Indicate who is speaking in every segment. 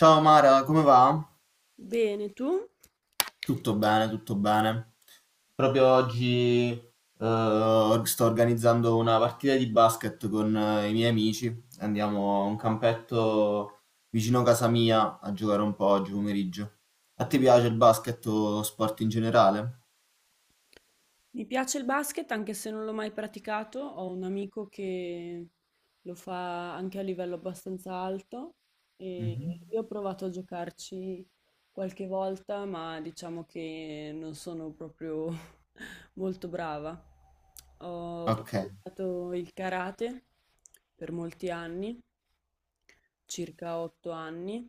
Speaker 1: Ciao Mara, come va?
Speaker 2: Bene, tu?
Speaker 1: Tutto bene, tutto bene. Proprio oggi sto organizzando una partita di basket con i miei amici. Andiamo a un campetto vicino a casa mia a giocare un po' oggi pomeriggio. A te piace il basket o lo sport in generale?
Speaker 2: Mi piace il basket anche se non l'ho mai praticato. Ho un amico che lo fa anche a livello abbastanza alto e
Speaker 1: Mhm.
Speaker 2: io ho provato a giocarci qualche volta, ma diciamo che non sono proprio molto brava. Ho
Speaker 1: Ok.
Speaker 2: praticato il karate per molti anni, circa 8 anni.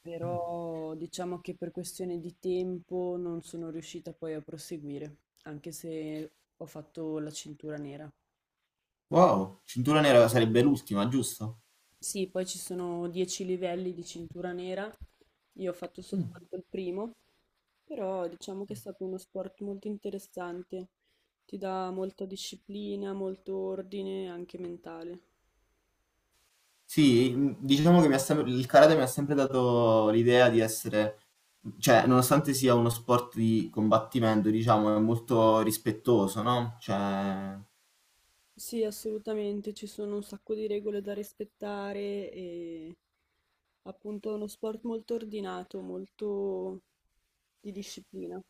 Speaker 2: Però diciamo che per questione di tempo non sono riuscita poi a proseguire, anche se ho fatto la cintura nera.
Speaker 1: Wow, cintura nera sarebbe l'ultima, giusto?
Speaker 2: Sì, poi ci sono 10 livelli di cintura nera, io ho fatto soltanto il primo, però diciamo che è stato uno sport molto interessante, ti dà molta disciplina, molto ordine, anche mentale.
Speaker 1: Sì, diciamo che il karate mi ha sempre dato l'idea di essere, cioè, nonostante sia uno sport di combattimento, diciamo, è molto rispettoso, no? Cioè,
Speaker 2: Sì, assolutamente, ci sono un sacco di regole da rispettare e appunto è uno sport molto ordinato, molto di disciplina.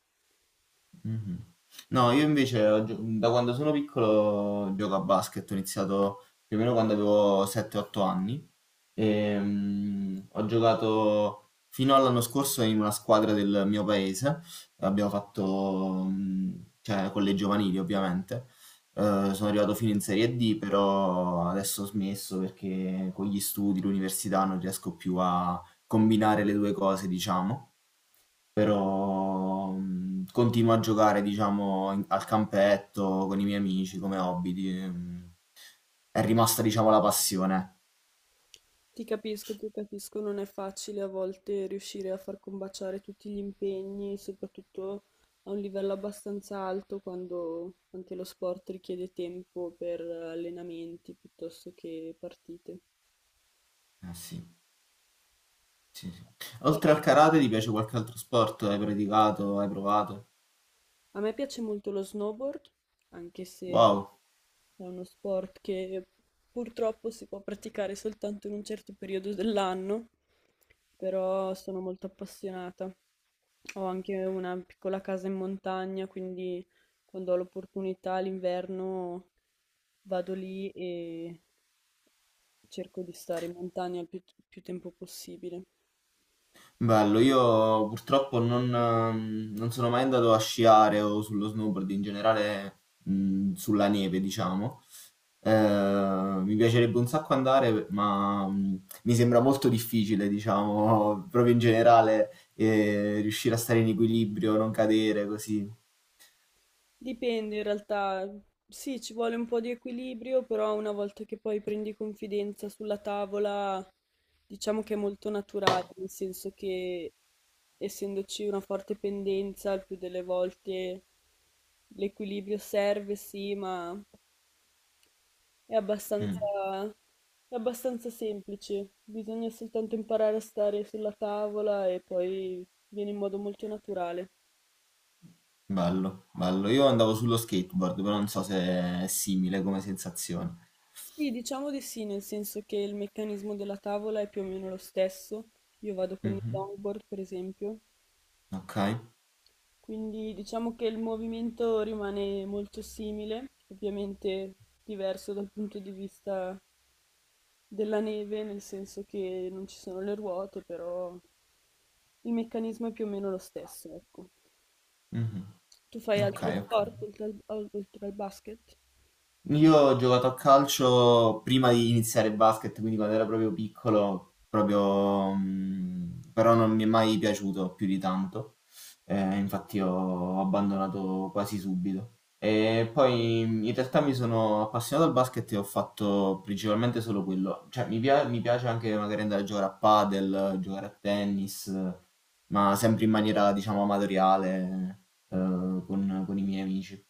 Speaker 1: mh-mh. No, io invece ho gio da quando sono piccolo gioco a basket, ho iniziato più o meno quando avevo 7, 8 anni. Ho giocato fino all'anno scorso in una squadra del mio paese, abbiamo fatto, cioè con le giovanili ovviamente. Sono arrivato fino in Serie D, però adesso ho smesso perché con gli studi, l'università non riesco più a combinare le 2 cose, diciamo, però continuo a giocare, diciamo, in- al campetto con i miei amici come hobby. È rimasta, diciamo, la passione.
Speaker 2: Ti capisco, non è facile a volte riuscire a far combaciare tutti gli impegni, soprattutto a un livello abbastanza alto quando anche lo sport richiede tempo per allenamenti piuttosto che partite.
Speaker 1: Eh sì, sì, sì. Oltre al karate, ti piace qualche altro sport? Hai praticato? Hai provato?
Speaker 2: A me piace molto lo snowboard, anche se
Speaker 1: Wow.
Speaker 2: è uno sport che purtroppo si può praticare soltanto in un certo periodo dell'anno, però sono molto appassionata. Ho anche una piccola casa in montagna, quindi quando ho l'opportunità l'inverno vado lì e cerco di stare in montagna il più tempo possibile.
Speaker 1: Bello, io purtroppo non sono mai andato a sciare o sullo snowboard in generale, sulla neve, diciamo. Mi piacerebbe un sacco andare, ma mi sembra molto difficile, diciamo, proprio in generale, riuscire a stare in equilibrio, non cadere così.
Speaker 2: Dipende in realtà, sì, ci vuole un po' di equilibrio, però una volta che poi prendi confidenza sulla tavola, diciamo che è molto naturale, nel senso che essendoci una forte pendenza, il più delle volte l'equilibrio serve, sì, ma è
Speaker 1: Mm,
Speaker 2: abbastanza, è abbastanza semplice. Bisogna soltanto imparare a stare sulla tavola e poi viene in modo molto naturale.
Speaker 1: bello, bello. Io andavo sullo skateboard, però non so se è simile come sensazione.
Speaker 2: Sì, diciamo di sì, nel senso che il meccanismo della tavola è più o meno lo stesso. Io vado con il
Speaker 1: Mhm,
Speaker 2: longboard, per esempio,
Speaker 1: ok,
Speaker 2: quindi diciamo che il movimento rimane molto simile, ovviamente diverso dal punto di vista della neve, nel senso che non ci sono le ruote, però il meccanismo è più o meno lo stesso, ecco.
Speaker 1: mhm,
Speaker 2: Tu fai
Speaker 1: ok,
Speaker 2: altri
Speaker 1: ok.
Speaker 2: sport oltre al basket?
Speaker 1: Io ho giocato a calcio prima di iniziare il basket, quindi quando ero proprio piccolo, proprio, però non mi è mai piaciuto più di tanto. Infatti ho abbandonato quasi subito. E poi in realtà mi sono appassionato al basket e ho fatto principalmente solo quello. Cioè, mi piace anche magari andare a giocare a padel, giocare a tennis, ma sempre in maniera, diciamo, amatoriale, eh, con i miei amici.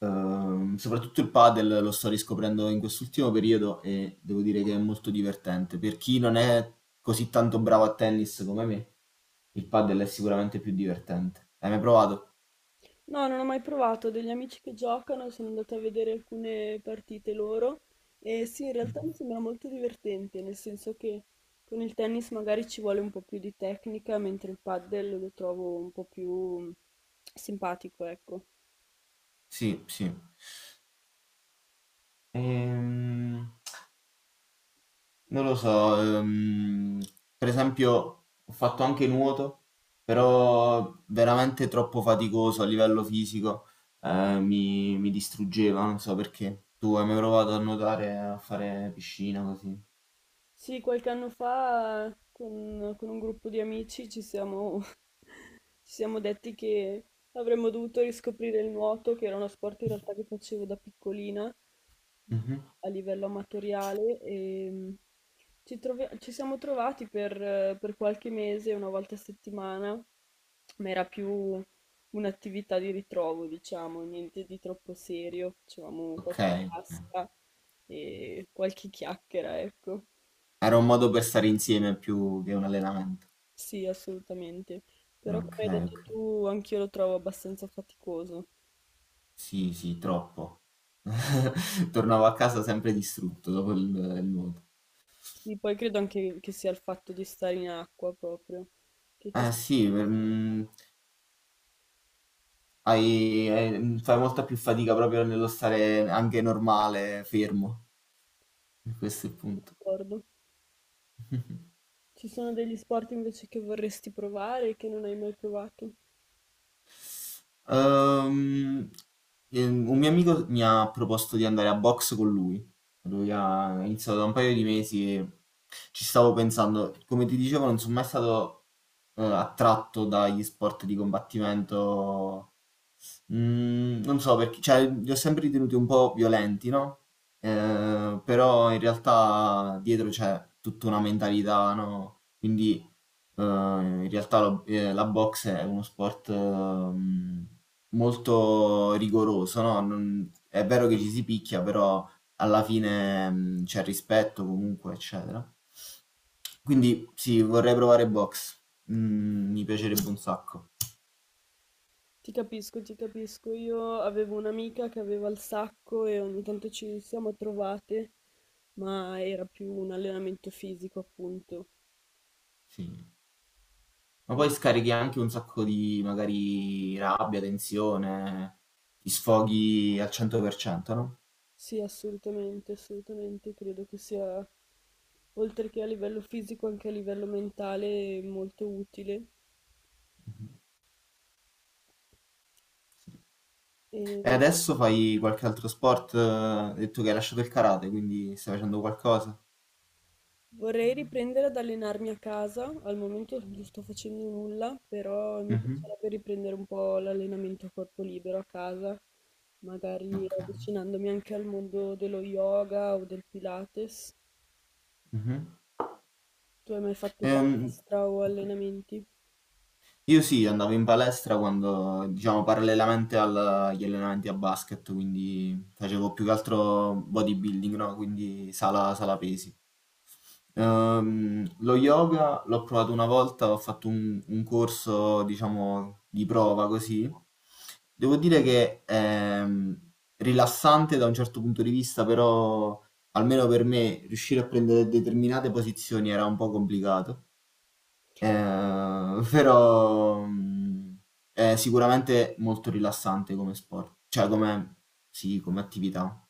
Speaker 1: Soprattutto il padel lo sto riscoprendo in quest'ultimo periodo e devo dire che è molto divertente. Per chi non è così tanto bravo a tennis come me, il padel è sicuramente più divertente. Hai mai provato?
Speaker 2: No, non ho mai provato, ho degli amici che giocano, sono andata a vedere alcune partite loro e sì, in realtà mi sembra molto divertente, nel senso che con il tennis magari ci vuole un po' più di tecnica, mentre il padel lo trovo un po' più simpatico, ecco.
Speaker 1: Sì, sì. Ehm, Non lo so, per esempio ho fatto anche nuoto, però veramente troppo faticoso a livello fisico, mi distruggeva, non so perché. Tu hai mai provato a nuotare, a fare piscina così?
Speaker 2: Sì, qualche anno fa con un gruppo di amici ci siamo, ci siamo detti che avremmo dovuto riscoprire il nuoto, che era uno sport in realtà che facevo da piccolina
Speaker 1: Mhm.
Speaker 2: a livello amatoriale e ci siamo trovati per qualche mese, una volta a settimana, ma era più un'attività di ritrovo, diciamo, niente di troppo serio, facevamo
Speaker 1: Ok,
Speaker 2: qualche
Speaker 1: ok.
Speaker 2: tasca e qualche chiacchiera, ecco.
Speaker 1: Era un modo per stare insieme più che un allenamento.
Speaker 2: Sì, assolutamente. Però
Speaker 1: Ok,
Speaker 2: come hai
Speaker 1: ok.
Speaker 2: detto tu, anch'io lo trovo abbastanza faticoso.
Speaker 1: Sì, sì, troppo. Tornavo a casa sempre distrutto dopo il nuoto.
Speaker 2: Sì, poi credo anche che sia il fatto di stare in acqua proprio, che ti
Speaker 1: Ah
Speaker 2: senti.
Speaker 1: sì, fai molta più fatica proprio nello stare anche normale, fermo. Questo è il punto.
Speaker 2: D'accordo. Ci sono degli sport invece che vorresti provare e che non hai mai provato?
Speaker 1: Ehm, un mio amico mi ha proposto di andare a box con lui. Lui ha iniziato da un paio di mesi e ci stavo pensando. Come ti dicevo, non sono mai stato attratto dagli sport di combattimento. Non so perché, cioè li ho sempre ritenuti un po' violenti, no, però in realtà dietro c'è tutta una mentalità, no, quindi, in realtà lo la box è uno sport, molto rigoroso, no, non è vero che ci si picchia, però alla fine, c'è rispetto comunque, eccetera. Quindi sì, vorrei provare box. Mi piacerebbe un sacco,
Speaker 2: Ti capisco, ti capisco. Io avevo un'amica che aveva il sacco e ogni tanto ci siamo trovate, ma era più un allenamento fisico, appunto.
Speaker 1: sì. Ma poi scarichi anche un sacco di magari rabbia, tensione, ti sfoghi al 100%, no?
Speaker 2: Sì, assolutamente, assolutamente. Credo che sia, oltre che a livello fisico, anche a livello mentale, molto utile.
Speaker 1: E
Speaker 2: E
Speaker 1: adesso fai qualche altro sport, hai detto che hai lasciato il karate, quindi stai facendo qualcosa?
Speaker 2: vorrei riprendere ad allenarmi a casa. Al momento non sto facendo nulla, però mi
Speaker 1: Mhm.
Speaker 2: piacerebbe riprendere un po' l'allenamento a corpo libero a casa, magari
Speaker 1: Ok.
Speaker 2: avvicinandomi anche al mondo dello yoga o del Pilates.
Speaker 1: Mhm.
Speaker 2: Tu hai mai fatto
Speaker 1: Ehm,
Speaker 2: palestra o allenamenti?
Speaker 1: io sì, andavo in palestra quando, diciamo, parallelamente agli allenamenti a basket, quindi facevo più che altro bodybuilding, no? Quindi sala pesi. Lo yoga l'ho provato una volta, ho fatto un corso, diciamo, di prova così. Devo dire che è ehm, rilassante da un certo punto di vista, però almeno per me riuscire a prendere determinate posizioni era un po' complicato. Eh, però è sicuramente molto rilassante come sport, sì, come attività.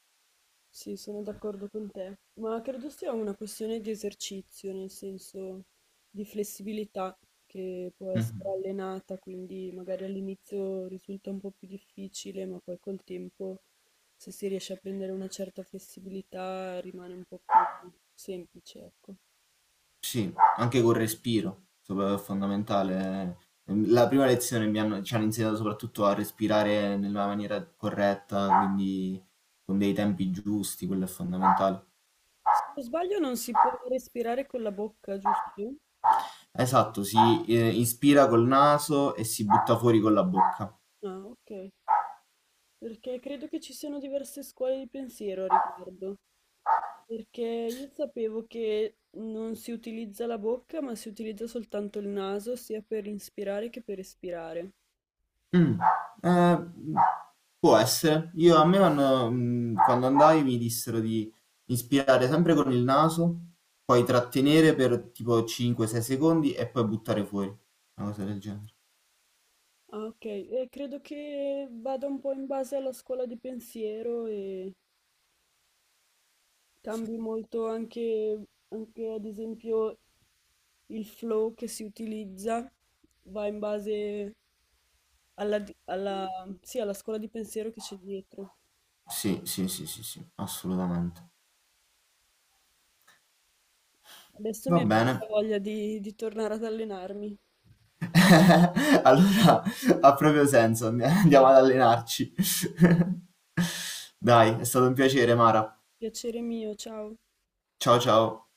Speaker 2: Sì, sono d'accordo con te, ma credo sia una questione di esercizio, nel senso di flessibilità che può essere
Speaker 1: Mhm.
Speaker 2: allenata, quindi magari all'inizio risulta un po' più difficile, ma poi col tempo, se si riesce a prendere una certa flessibilità, rimane un po' più semplice, ecco.
Speaker 1: Sì, anche col respiro, è fondamentale. La prima lezione ci hanno insegnato soprattutto a respirare nella maniera corretta, quindi con dei tempi giusti, quello è fondamentale.
Speaker 2: Se non sbaglio non si può respirare con la bocca, giusto?
Speaker 1: Esatto, si ispira col naso e si butta fuori con la bocca.
Speaker 2: Ah, ok, perché credo che ci siano diverse scuole di pensiero a riguardo. Perché io sapevo che non si utilizza la bocca, ma si utilizza soltanto il naso, sia per inspirare che per espirare.
Speaker 1: Mm, eh, Può essere. Io a me vanno- mm, quando andai mi dissero di inspirare sempre con il naso, poi trattenere per tipo 5-6 secondi e poi buttare fuori, una cosa del genere.
Speaker 2: Ah, ok, e credo che vada un po' in base alla scuola di pensiero e
Speaker 1: Sì,
Speaker 2: cambi molto anche, anche ad esempio il flow che si utilizza, va in base alla, sì, alla scuola di pensiero che c'è dietro.
Speaker 1: sì, sì, sì, sì, sì, assolutamente.
Speaker 2: Adesso mi
Speaker 1: Va
Speaker 2: è
Speaker 1: bene.
Speaker 2: venuta voglia di tornare ad allenarmi.
Speaker 1: Allora ha proprio senso, andiamo ad allenarci. Dai, è stato un piacere, Mara.
Speaker 2: Piacere mio, ciao.
Speaker 1: Ciao ciao.